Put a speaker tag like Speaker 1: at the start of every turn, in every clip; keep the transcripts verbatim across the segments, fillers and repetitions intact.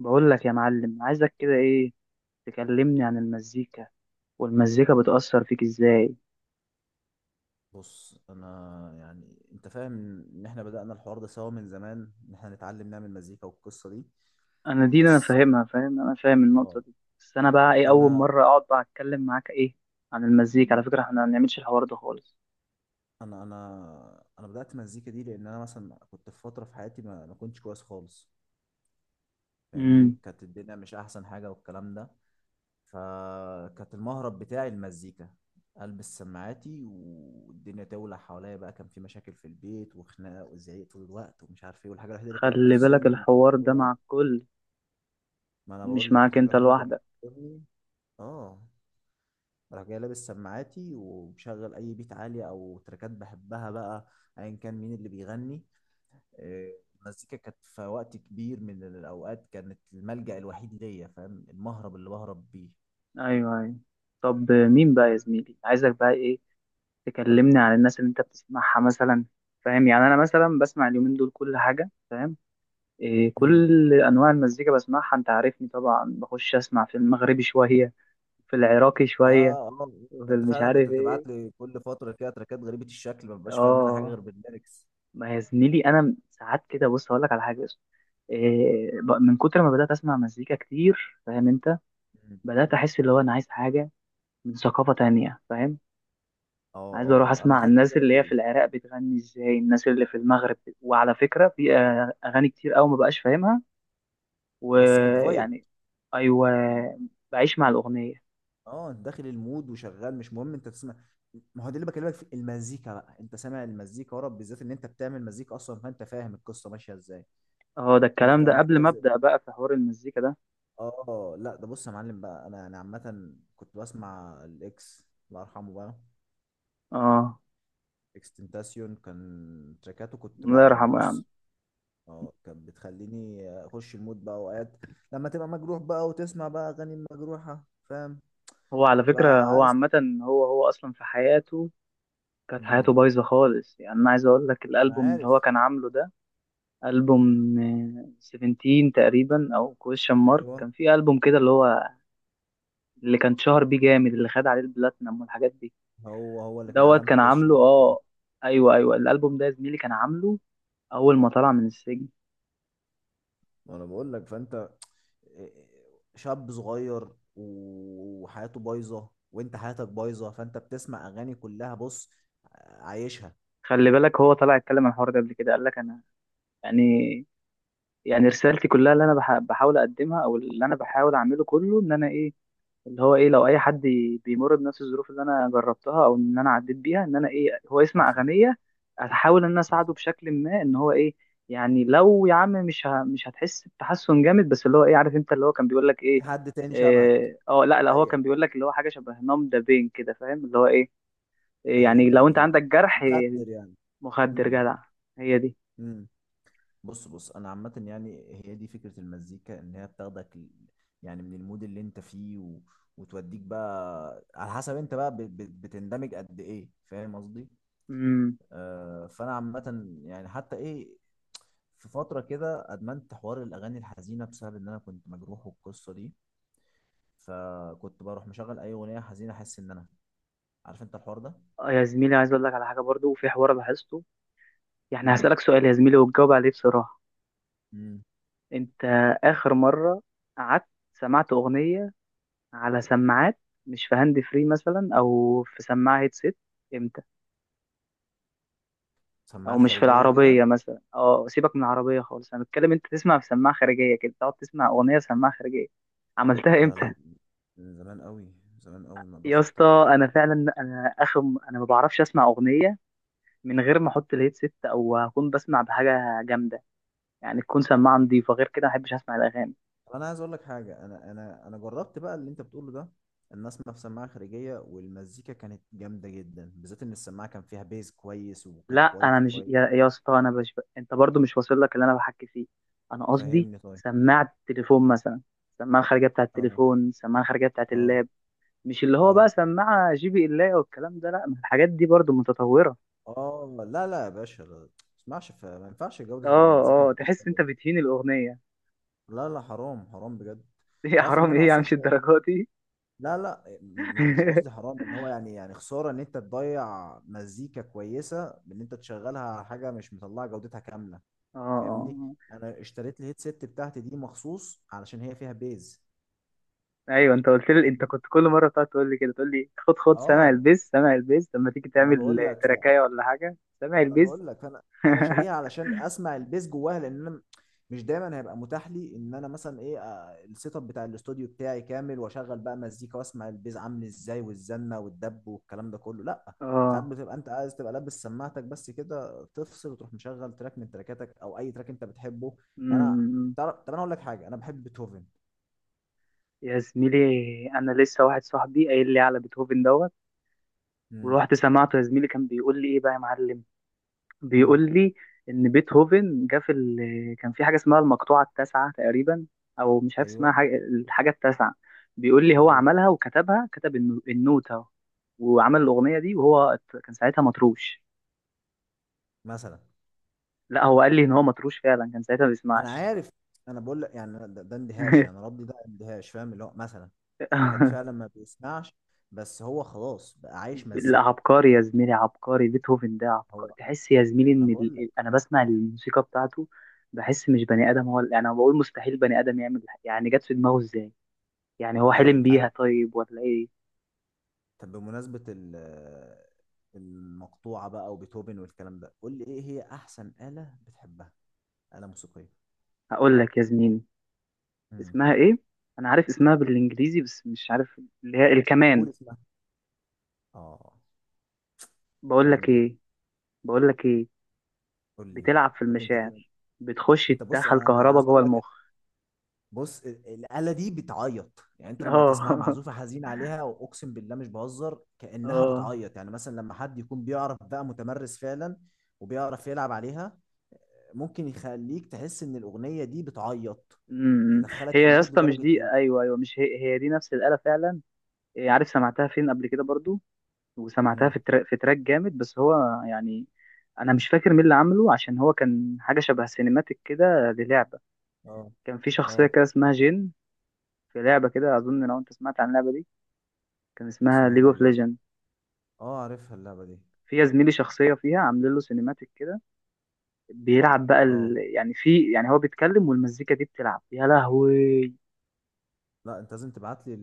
Speaker 1: بقول لك يا معلم، عايزك كده ايه؟ تكلمني عن المزيكا والمزيكا بتأثر فيك ازاي.
Speaker 2: بص انا. يعني انت فاهم ان احنا بدأنا الحوار ده سوا من زمان ان احنا نتعلم نعمل مزيكا والقصة دي.
Speaker 1: انا دي انا
Speaker 2: بس
Speaker 1: فاهمها، فاهم، انا فاهم
Speaker 2: اه
Speaker 1: النقطة دي، بس انا بقى ايه، اول
Speaker 2: انا
Speaker 1: مرة اقعد بقى اتكلم معاك ايه عن المزيكا. على فكرة احنا ما بنعملش الحوار ده خالص.
Speaker 2: انا انا انا بدأت مزيكا دي لان انا مثلا كنت في فترة في حياتي ما ما كنتش كويس خالص. فاهمني،
Speaker 1: امم
Speaker 2: كانت الدنيا مش احسن حاجة والكلام ده. فكانت المهرب بتاعي المزيكا. البس سماعاتي والدنيا تولع حواليا بقى. كان في مشاكل في البيت وخناقه وزعيق طول الوقت ومش عارف ايه، والحاجه الوحيده اللي كانت
Speaker 1: خلي بالك
Speaker 2: بتفصلني من
Speaker 1: الحوار
Speaker 2: الجو
Speaker 1: ده
Speaker 2: ده.
Speaker 1: مع الكل،
Speaker 2: ما انا
Speaker 1: مش
Speaker 2: بقول لك
Speaker 1: معاك
Speaker 2: الحاجه
Speaker 1: انت
Speaker 2: الوحيده اللي كانت
Speaker 1: لوحدك.
Speaker 2: بتضربني. اه. راح جاي لابس سماعاتي ومشغل اي بيت عالي او تراكات بحبها بقى، ايا كان مين اللي بيغني. آه، المزيكا كانت في وقت كبير من الاوقات، كانت الملجأ الوحيد ليا. فاهم، المهرب اللي بهرب بيه.
Speaker 1: ايوه ايوه. طب مين بقى يا زميلي، عايزك بقى ايه؟ تكلمني عن الناس اللي انت بتسمعها مثلا، فاهم؟ يعني انا مثلا بسمع اليومين دول كل حاجة، فاهم؟ إيه،
Speaker 2: امم.
Speaker 1: كل انواع المزيكا بسمعها، انت عارفني طبعا، بخش اسمع في المغربي شويه، في العراقي
Speaker 2: اه.
Speaker 1: شويه،
Speaker 2: اه.
Speaker 1: في
Speaker 2: انت
Speaker 1: مش
Speaker 2: فعلا كنت
Speaker 1: عارف
Speaker 2: بتبعت
Speaker 1: ايه.
Speaker 2: لي كل فتره كده تراكات غريبه الشكل ما ببقاش فاهم منها حاجه غير
Speaker 1: اه.
Speaker 2: بالليركس.
Speaker 1: ما يا زميلي انا ساعات كده بص اقول لك على حاجه بس. إيه، ب- من كتر ما بدات اسمع مزيكا كتير، فاهم انت؟
Speaker 2: أمم.
Speaker 1: بدات احس اللي هو انا عايز حاجه من ثقافه تانية، فاهم؟
Speaker 2: اه.
Speaker 1: عايز اروح
Speaker 2: اه انا
Speaker 1: اسمع
Speaker 2: خدت
Speaker 1: الناس اللي هي في
Speaker 2: بالي.
Speaker 1: العراق بتغني ازاي، الناس اللي في المغرب. وعلى فكره في آه، اغاني كتير قوي ما بقاش فاهمها
Speaker 2: بس بتفايب.
Speaker 1: ويعني ايوه بعيش مع الاغنيه.
Speaker 2: اه انت داخل المود وشغال مش مهم انت تسمع. ما هو ده اللي بكلمك فيه. المزيكا بقى انت سامع المزيكا ورا، بالذات ان انت بتعمل مزيكا اصلا، فانت فاهم القصه ماشيه ازاي.
Speaker 1: هو ده
Speaker 2: فانت
Speaker 1: الكلام
Speaker 2: تبقى
Speaker 1: ده، قبل ما
Speaker 2: مركز.
Speaker 1: ابدا بقى في حوار المزيكا ده.
Speaker 2: اه، لا ده بص يا معلم بقى. انا انا عامه كنت بسمع الاكس، الله يرحمه بقى.
Speaker 1: اه.
Speaker 2: اكستنتاسيون كان تراكاته كنت بقى
Speaker 1: الله
Speaker 2: يعني
Speaker 1: يرحمه يا عم.
Speaker 2: بص. اه، كانت بتخليني اخش المود بقى اوقات. لما تبقى مجروح بقى وتسمع بقى اغاني مجروحه، فاهم،
Speaker 1: هو على فكره
Speaker 2: تبقى
Speaker 1: هو
Speaker 2: عايز.
Speaker 1: عامه هو هو اصلا في حياته كانت
Speaker 2: امم.
Speaker 1: حياته بايظه خالص. يعني انا عايز اقول لك،
Speaker 2: انا
Speaker 1: الالبوم اللي
Speaker 2: عارف.
Speaker 1: هو كان عامله ده، البوم آه، سفنتين تقريبا، او كويشن مارك،
Speaker 2: ايوه.
Speaker 1: كان في البوم كده اللي هو اللي كان شهر بيه جامد، اللي خد عليه البلاتنم والحاجات دي.
Speaker 2: هو هو اللي كان
Speaker 1: دوت
Speaker 2: علامته
Speaker 1: كان عامله،
Speaker 2: كويشن مارك ايه.
Speaker 1: اه. ايوه ايوه، الالبوم ده يا زميلي كان عامله اول ما طلع من السجن.
Speaker 2: وانا بقول لك، فانت إيه، شاب صغير وحياته بايظه وانت حياتك بايظه، فانت بتسمع اغاني كلها بص عايشها.
Speaker 1: خلي بالك هو طلع اتكلم عن الحوار ده قبل كده، قال لك انا يعني، يعني رسالتي كلها اللي انا بح- بحاول اقدمها، او اللي انا بحاول اعمله كله، ان انا ايه، اللي هو ايه، لو اي حد ي- بيمر بنفس الظروف اللي انا جربتها او ان انا عديت بيها، ان انا ايه، هو يسمع
Speaker 2: حصل.
Speaker 1: اغنيه احاول ان انا
Speaker 2: حصل.
Speaker 1: اساعده بشكل ما ان هو ايه. يعني لو يا عم، مش ه... مش هتحس بتحسن جامد، بس اللي هو ايه، عارف انت اللي هو كان بيقول لك
Speaker 2: في
Speaker 1: ايه؟
Speaker 2: حد تاني شبهك،
Speaker 1: إيه، اه لا لا هو
Speaker 2: زيك.
Speaker 1: كان بيقول لك اللي هو حاجه شبه نام ده بين كده، فاهم اللي هو ايه، إيه،
Speaker 2: ايوه.
Speaker 1: يعني
Speaker 2: بي
Speaker 1: لو انت
Speaker 2: بي
Speaker 1: عندك جرح إيه،
Speaker 2: مخدر يعني.
Speaker 1: مخدر
Speaker 2: امم.
Speaker 1: جدع. هي دي.
Speaker 2: امم. بص بص انا عامه يعني هي دي فكره المزيكا، ان هي بتاخدك ل- يعني من المود اللي انت فيه و... وتوديك بقى على حسب انت بقى بت... بت- بتندمج قد ايه، فاهم قصدي؟
Speaker 1: امم
Speaker 2: آه، فانا عامه يعني حتى ايه. في فتره كده ادمنت حوار الاغاني الحزينه بسبب ان انا كنت مجروح والقصه دي. فكنت بروح مشغل اي اغنيه حزينه، احس ان انا عارف انت الحوار ده.
Speaker 1: آه، يا زميلي عايز اقول لك على حاجه برضو، في حوار لاحظته. يعني
Speaker 2: مم.
Speaker 1: هسألك سؤال يا زميلي، وتجاوب عليه بصراحة.
Speaker 2: امم.
Speaker 1: انت آخر مرة قعدت سمعت أغنية على سماعات، مش في هاند فري مثلا أو في سماعة هيدسيت، امتى؟ أو
Speaker 2: سماعات
Speaker 1: مش في
Speaker 2: خارجيه كده.
Speaker 1: العربية مثلا، اه سيبك من العربية خالص، أنا بتكلم انت تسمع في سماعة خارجية كده، تقعد تسمع أغنية في سماعة خارجية، عملتها
Speaker 2: لا
Speaker 1: امتى؟
Speaker 2: لا. من زمان قوي، من زمان قوي ما
Speaker 1: يا
Speaker 2: اقدرش
Speaker 1: اسطى
Speaker 2: افتكر.
Speaker 1: انا فعلا، انا اخر، انا ما بعرفش اسمع اغنيه من غير ما احط الهيدسيت او اكون بسمع بحاجه جامده، يعني تكون سماعه نضيفه، غير كده ما احبش اسمع الاغاني.
Speaker 2: طب انا عايز اقول لك حاجه. انا انا انا جربت بقى اللي انت بتقوله ده، ان اسمع في سماعه خارجيه، والمزيكا كانت جامده جدا، بالذات ان السماعه كان فيها بيز كويس
Speaker 1: لا
Speaker 2: وكانت
Speaker 1: انا
Speaker 2: كواليتي
Speaker 1: مش يا,
Speaker 2: كويسه.
Speaker 1: يا اسطى، انا مش ب... انت برضو مش واصل لك اللي انا بحكي فيه. انا قصدي
Speaker 2: فهمني طيب.
Speaker 1: سماعه التليفون مثلا، السماعه الخارجيه بتاعه
Speaker 2: اه.
Speaker 1: التليفون، السماعه الخارجيه بتاعه
Speaker 2: اه.
Speaker 1: اللاب، مش اللي هو
Speaker 2: اه.
Speaker 1: بقى سماعه جي بي اللاب والكلام ده، لا، ما الحاجات دي برضو متطوره.
Speaker 2: اه. لا لا يا باشا، لا. ما تسمعش ف- ما ينفعش جودة المزيكا
Speaker 1: اه
Speaker 2: ما
Speaker 1: اه،
Speaker 2: تبقاش
Speaker 1: تحس انت
Speaker 2: حلوة.
Speaker 1: بتهين الاغنيه.
Speaker 2: لا لا، حرام حرام بجد.
Speaker 1: ايه يا
Speaker 2: تعرف ان
Speaker 1: حرام،
Speaker 2: انا
Speaker 1: ايه يا عم،
Speaker 2: اصلا
Speaker 1: مش
Speaker 2: شا...
Speaker 1: الدرجات دي.
Speaker 2: لا لا، م- مش قصدي حرام، ان هو يعني يعني خسارة ان انت تضيع مزيكا كويسة بان انت تشغلها على حاجة مش مطلعة جودتها كاملة.
Speaker 1: اه آه،
Speaker 2: فاهمني،
Speaker 1: آه.
Speaker 2: انا اشتريت الهيدسيت بتاعتي دي مخصوص علشان هي فيها بيز.
Speaker 1: ايوه انت قلت لي، انت
Speaker 2: فاهمني؟
Speaker 1: كنت كل مره بتقعد تقول لي كده، تقول لي خد خد، سامع
Speaker 2: اه.
Speaker 1: البيز؟ سامع البيز؟ لما تيجي
Speaker 2: انا
Speaker 1: تعمل
Speaker 2: بقول لك.
Speaker 1: تراكايه ولا حاجه، سامع
Speaker 2: ما انا
Speaker 1: البيز؟
Speaker 2: بقول لك. انا انا شاريها علشان اسمع البيس جواها لان انا م- مش دايما هيبقى متاح لي ان انا مثلا ايه، آه، السيت اب بتاع الاستوديو بتاعي كامل واشغل بقى مزيكا واسمع البيز عامل ازاي والزنه والدب والكلام ده كله، لا. ساعات
Speaker 1: اه
Speaker 2: بتبقى انت عايز تبقى لابس سماعتك بس كده تفصل وتروح مشغل تراك من تراكاتك او اي تراك انت بتحبه. يعني انا. تعرف، طب انا اقول لك حاجه، انا بحب بيتهوفن.
Speaker 1: يا زميلي، انا لسه واحد صاحبي قايل لي على بيتهوفن دوت،
Speaker 2: امم.
Speaker 1: ورحت سمعته يا زميلي. كان بيقول لي ايه بقى يا معلم،
Speaker 2: امم.
Speaker 1: بيقول لي ان بيتهوفن جه في ال... كان في حاجه اسمها المقطوعه التاسعه تقريبا، او مش عارف اسمها،
Speaker 2: ايوه.
Speaker 1: حاجه الحاجه التاسعه. بيقول لي هو
Speaker 2: مظبوط.
Speaker 1: عملها وكتبها، كتب النو- النوتة وعمل الاغنيه دي، وهو ات- كان ساعتها مطروش.
Speaker 2: مثلا.
Speaker 1: لا هو قال لي ان هو مطروش فعلا، كان ساعتها ما
Speaker 2: انا
Speaker 1: بيسمعش.
Speaker 2: عارف. انا بقول لك يعني ده, ده اندهاش يعني، ردي ده اندهاش، فاهم اللي هو مثلا واحد فعلا ما بيسمعش، بس هو خلاص بقى عايش
Speaker 1: لا
Speaker 2: مزيكا.
Speaker 1: عبقري يا زميلي، عبقري، بيتهوفن ده عبقري،
Speaker 2: هو.
Speaker 1: تحس يا زميلي
Speaker 2: انا
Speaker 1: ان
Speaker 2: بقول
Speaker 1: ال...
Speaker 2: لك.
Speaker 1: ال- انا بسمع الموسيقى بتاعته، بحس مش بني ادم. هو اللي- انا بقول مستحيل بني ادم يعمل الح- يعني جت في دماغه ازاي؟ يعني هو
Speaker 2: انت
Speaker 1: حلم
Speaker 2: أنت
Speaker 1: بيها
Speaker 2: عارف،
Speaker 1: طيب ولا ايه؟
Speaker 2: طب بمناسبة ال- المقطوعة بقى وبيتهوفن والكلام ده، قول لي ايه هي احسن آلة بتحبها؟ آلة موسيقية.
Speaker 1: هقول لك يا زميلي،
Speaker 2: امم.
Speaker 1: اسمها ايه، انا عارف اسمها بالانجليزي بس مش عارف اللي هي الكمان.
Speaker 2: قول اسمها. اه.
Speaker 1: بقول لك
Speaker 2: كمانجة.
Speaker 1: ايه، بقول لك ايه،
Speaker 2: قول لي.
Speaker 1: بتلعب في
Speaker 2: قول لي انت
Speaker 1: المشاعر،
Speaker 2: كده.
Speaker 1: بتخش
Speaker 2: انت بص،
Speaker 1: تدخل
Speaker 2: انا أنا
Speaker 1: كهربا
Speaker 2: عايز اقول
Speaker 1: جوه
Speaker 2: لك.
Speaker 1: المخ.
Speaker 2: بص ال- الآلة دي بتعيط. يعني انت لما تسمع
Speaker 1: اه
Speaker 2: معزوفة حزين عليها واقسم بالله مش بهزر كأنها
Speaker 1: اه.
Speaker 2: بتعيط. يعني مثلا لما حد يكون بيعرف بقى متمرس فعلا وبيعرف يلعب عليها، ممكن يخليك تحس ان الأغنية دي بتعيط.
Speaker 1: أمم. إمم.
Speaker 2: تدخلك
Speaker 1: هي
Speaker 2: في
Speaker 1: يا
Speaker 2: المود
Speaker 1: اسطى مش
Speaker 2: لدرجة
Speaker 1: دي،
Speaker 2: ايه.
Speaker 1: ايوه ايوه، مش هي هي دي نفس الآلة فعلا. إيه، عارف سمعتها فين قبل كده برضو؟ وسمعتها
Speaker 2: امم.
Speaker 1: في تراك، في تراك جامد، بس هو يعني انا مش فاكر مين اللي عامله، عشان هو كان حاجه شبه سينماتيك كده للعبه.
Speaker 2: اه.
Speaker 1: كان في شخصيه
Speaker 2: اه.
Speaker 1: كده اسمها جين، في لعبه كده، اظن لو انت سمعت عن اللعبه دي، كان اسمها
Speaker 2: اسمها
Speaker 1: ليج
Speaker 2: ايه
Speaker 1: اوف
Speaker 2: اللعبة؟
Speaker 1: ليجند.
Speaker 2: اه عارفها اللعبة دي.
Speaker 1: في يا زميلي شخصيه فيها عاملين له سينماتيك كده، بيلعب بقى ال...
Speaker 2: اه
Speaker 1: يعني في يعني هو بيتكلم والمزيكا دي بتلعب، يا لهوي.
Speaker 2: لا، انت لازم تبعت لي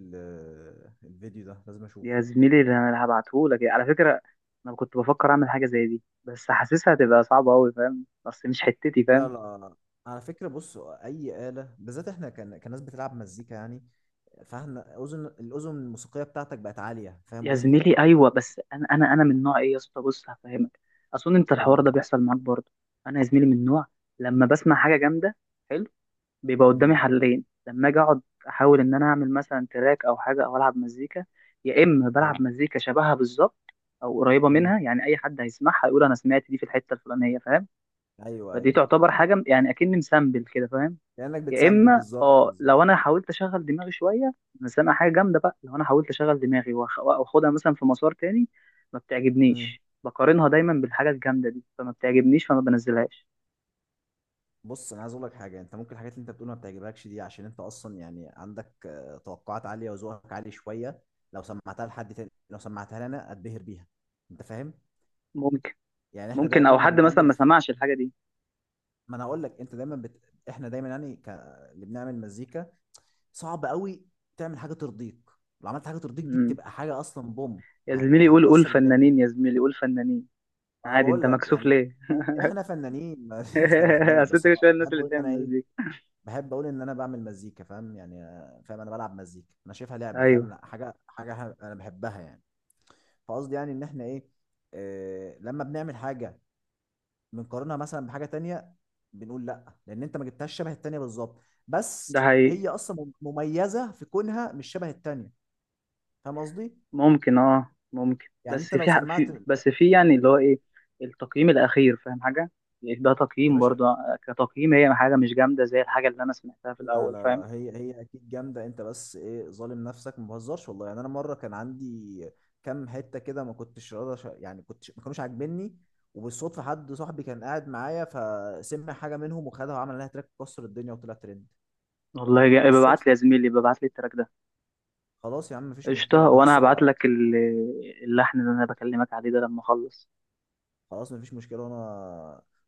Speaker 2: الفيديو ده، لازم
Speaker 1: يا
Speaker 2: اشوفه.
Speaker 1: زميلي ده انا هبعتهولك على فكره. انا كنت بفكر اعمل حاجه زي دي، بس حاسسها هتبقى صعبه قوي فاهم، بس مش حتتي
Speaker 2: لا
Speaker 1: فاهم.
Speaker 2: لا، على فكرة بص، أي آلة بالذات إحنا كان كناس بتلعب مزيكا يعني. فاهم، اذن الاذن الموسيقيه بتاعتك بقت عاليه، فاهم
Speaker 1: يا
Speaker 2: قصدي؟
Speaker 1: زميلي ايوه، بس انا انا انا من نوع ايه يا اسطى، بص هفهمك. اظن انت الحوار
Speaker 2: امم.
Speaker 1: ده بيحصل معاك برضه. انا يا زميلي من نوع، لما بسمع حاجه جامده حلو، بيبقى قدامي
Speaker 2: امم.
Speaker 1: حلين لما اجي اقعد احاول ان انا اعمل مثلا تراك او حاجه او العب مزيكا. يا اما بلعب
Speaker 2: حلو.
Speaker 1: مزيكا شبهها بالظبط او قريبه
Speaker 2: امم.
Speaker 1: منها، يعني اي حد هيسمعها يقول انا سمعت دي في الحته الفلانيه، فاهم؟
Speaker 2: ايوه
Speaker 1: فدي
Speaker 2: ايوه.
Speaker 1: تعتبر حاجه يعني اكني مسامبل كده، فاهم؟
Speaker 2: كانك
Speaker 1: يا
Speaker 2: بتسامبل
Speaker 1: اما
Speaker 2: بالظبط،
Speaker 1: اه،
Speaker 2: بالظبط.
Speaker 1: لو انا حاولت اشغل دماغي شويه، بس انا سامع حاجه جامده بقى، لو انا حاولت اشغل دماغي وأخ- واخدها مثلا في مسار تاني، ما
Speaker 2: امم.
Speaker 1: بتعجبنيش، بقارنها دايما بالحاجه الجامده دي، فما بتعجبنيش فما بنزلهاش.
Speaker 2: بص انا عايز اقول لك حاجه. انت ممكن الحاجات اللي انت بتقولها ما بتعجبكش دي، عشان انت اصلا يعني عندك آه، توقعات عاليه وذوقك عالي شويه. لو سمعتها لحد تاني، لو سمعتها لي انا اتبهر بيها. انت فاهم.
Speaker 1: ممكن،
Speaker 2: يعني احنا
Speaker 1: ممكن،
Speaker 2: دايما
Speaker 1: او حد مثلا
Speaker 2: بنقلل
Speaker 1: ما
Speaker 2: في...
Speaker 1: سمعش الحاجه دي.
Speaker 2: ما انا اقول لك، انت دايما بت... احنا دايما يعني ك... اللي بنعمل مزيكا صعب قوي تعمل حاجه ترضيك. لو عملت حاجه ترضيك دي،
Speaker 1: امم.
Speaker 2: بتبقى حاجه اصلا بوم،
Speaker 1: يا
Speaker 2: هت...
Speaker 1: زميلي قول، قول
Speaker 2: هتكسر الدنيا.
Speaker 1: فنانين، يا زميلي قول فنانين،
Speaker 2: انا
Speaker 1: عادي، انت
Speaker 2: بقول لك
Speaker 1: مكسوف
Speaker 2: يعني
Speaker 1: ليه؟
Speaker 2: فن- احنا فنانين ما ما اختلفناش،
Speaker 1: اصل
Speaker 2: بس
Speaker 1: انت
Speaker 2: انا
Speaker 1: شويه الناس
Speaker 2: بحب
Speaker 1: اللي
Speaker 2: اقول ان انا
Speaker 1: بتعمل
Speaker 2: ايه،
Speaker 1: مزيكا.
Speaker 2: بحب اقول ان انا بعمل مزيكا. فاهم يعني، آه، فاهم، انا بلعب مزيكا، انا شايفها لعبه فاهم،
Speaker 1: ايوه،
Speaker 2: لا حاجه حاجه ح- انا بحبها يعني. فقصدي يعني ان احنا ايه، آه لما بنعمل حاجه بنقارنها مثلا بحاجه تانية، بنقول لا لان انت ما جبتهاش شبه التانية بالظبط،
Speaker 1: ده
Speaker 2: بس
Speaker 1: حقيقي.
Speaker 2: هي اصلا مم- مميزه في كونها مش شبه التانية. فاهم قصدي؟
Speaker 1: ممكن اه ممكن،
Speaker 2: يعني
Speaker 1: بس
Speaker 2: انت لو
Speaker 1: في ح-
Speaker 2: سمعت.
Speaker 1: في بس في يعني اللي هو ايه، التقييم الاخير فاهم حاجه. يعني ده
Speaker 2: يا
Speaker 1: تقييم
Speaker 2: باشا
Speaker 1: برضه آه، كتقييم هي حاجه مش جامده زي الحاجه اللي انا سمعتها في
Speaker 2: لا
Speaker 1: الاول،
Speaker 2: لا
Speaker 1: فاهم؟
Speaker 2: لا، هي هي اكيد جامده، انت بس ايه ظالم نفسك. ما بهزرش والله، يعني انا مره كان عندي كام حته كده ما كنتش راضي أش- يعني كنتش، ما كانوش عاجبني، وبالصدفه حد صاحبي كان قاعد معايا فسمع حاجه منهم وخدها وعمل لها تراك كسر الدنيا وطلع ترند.
Speaker 1: والله جا... ببعت
Speaker 2: بالصدفه.
Speaker 1: لي يا زميلي، ببعت لي التراك ده.
Speaker 2: خلاص يا عم، مفيش
Speaker 1: قشطه،
Speaker 2: مشكله، انا
Speaker 1: وانا
Speaker 2: بس
Speaker 1: هبعت
Speaker 2: بقى.
Speaker 1: لك ال- اللحن اللي انا بكلمك عليه ده لما اخلص.
Speaker 2: خلاص مفيش مشكله، وانا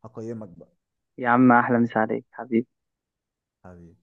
Speaker 2: هقيمك بقى.
Speaker 1: يا عم احلى مسا عليك حبيبي.
Speaker 2: حبيبي.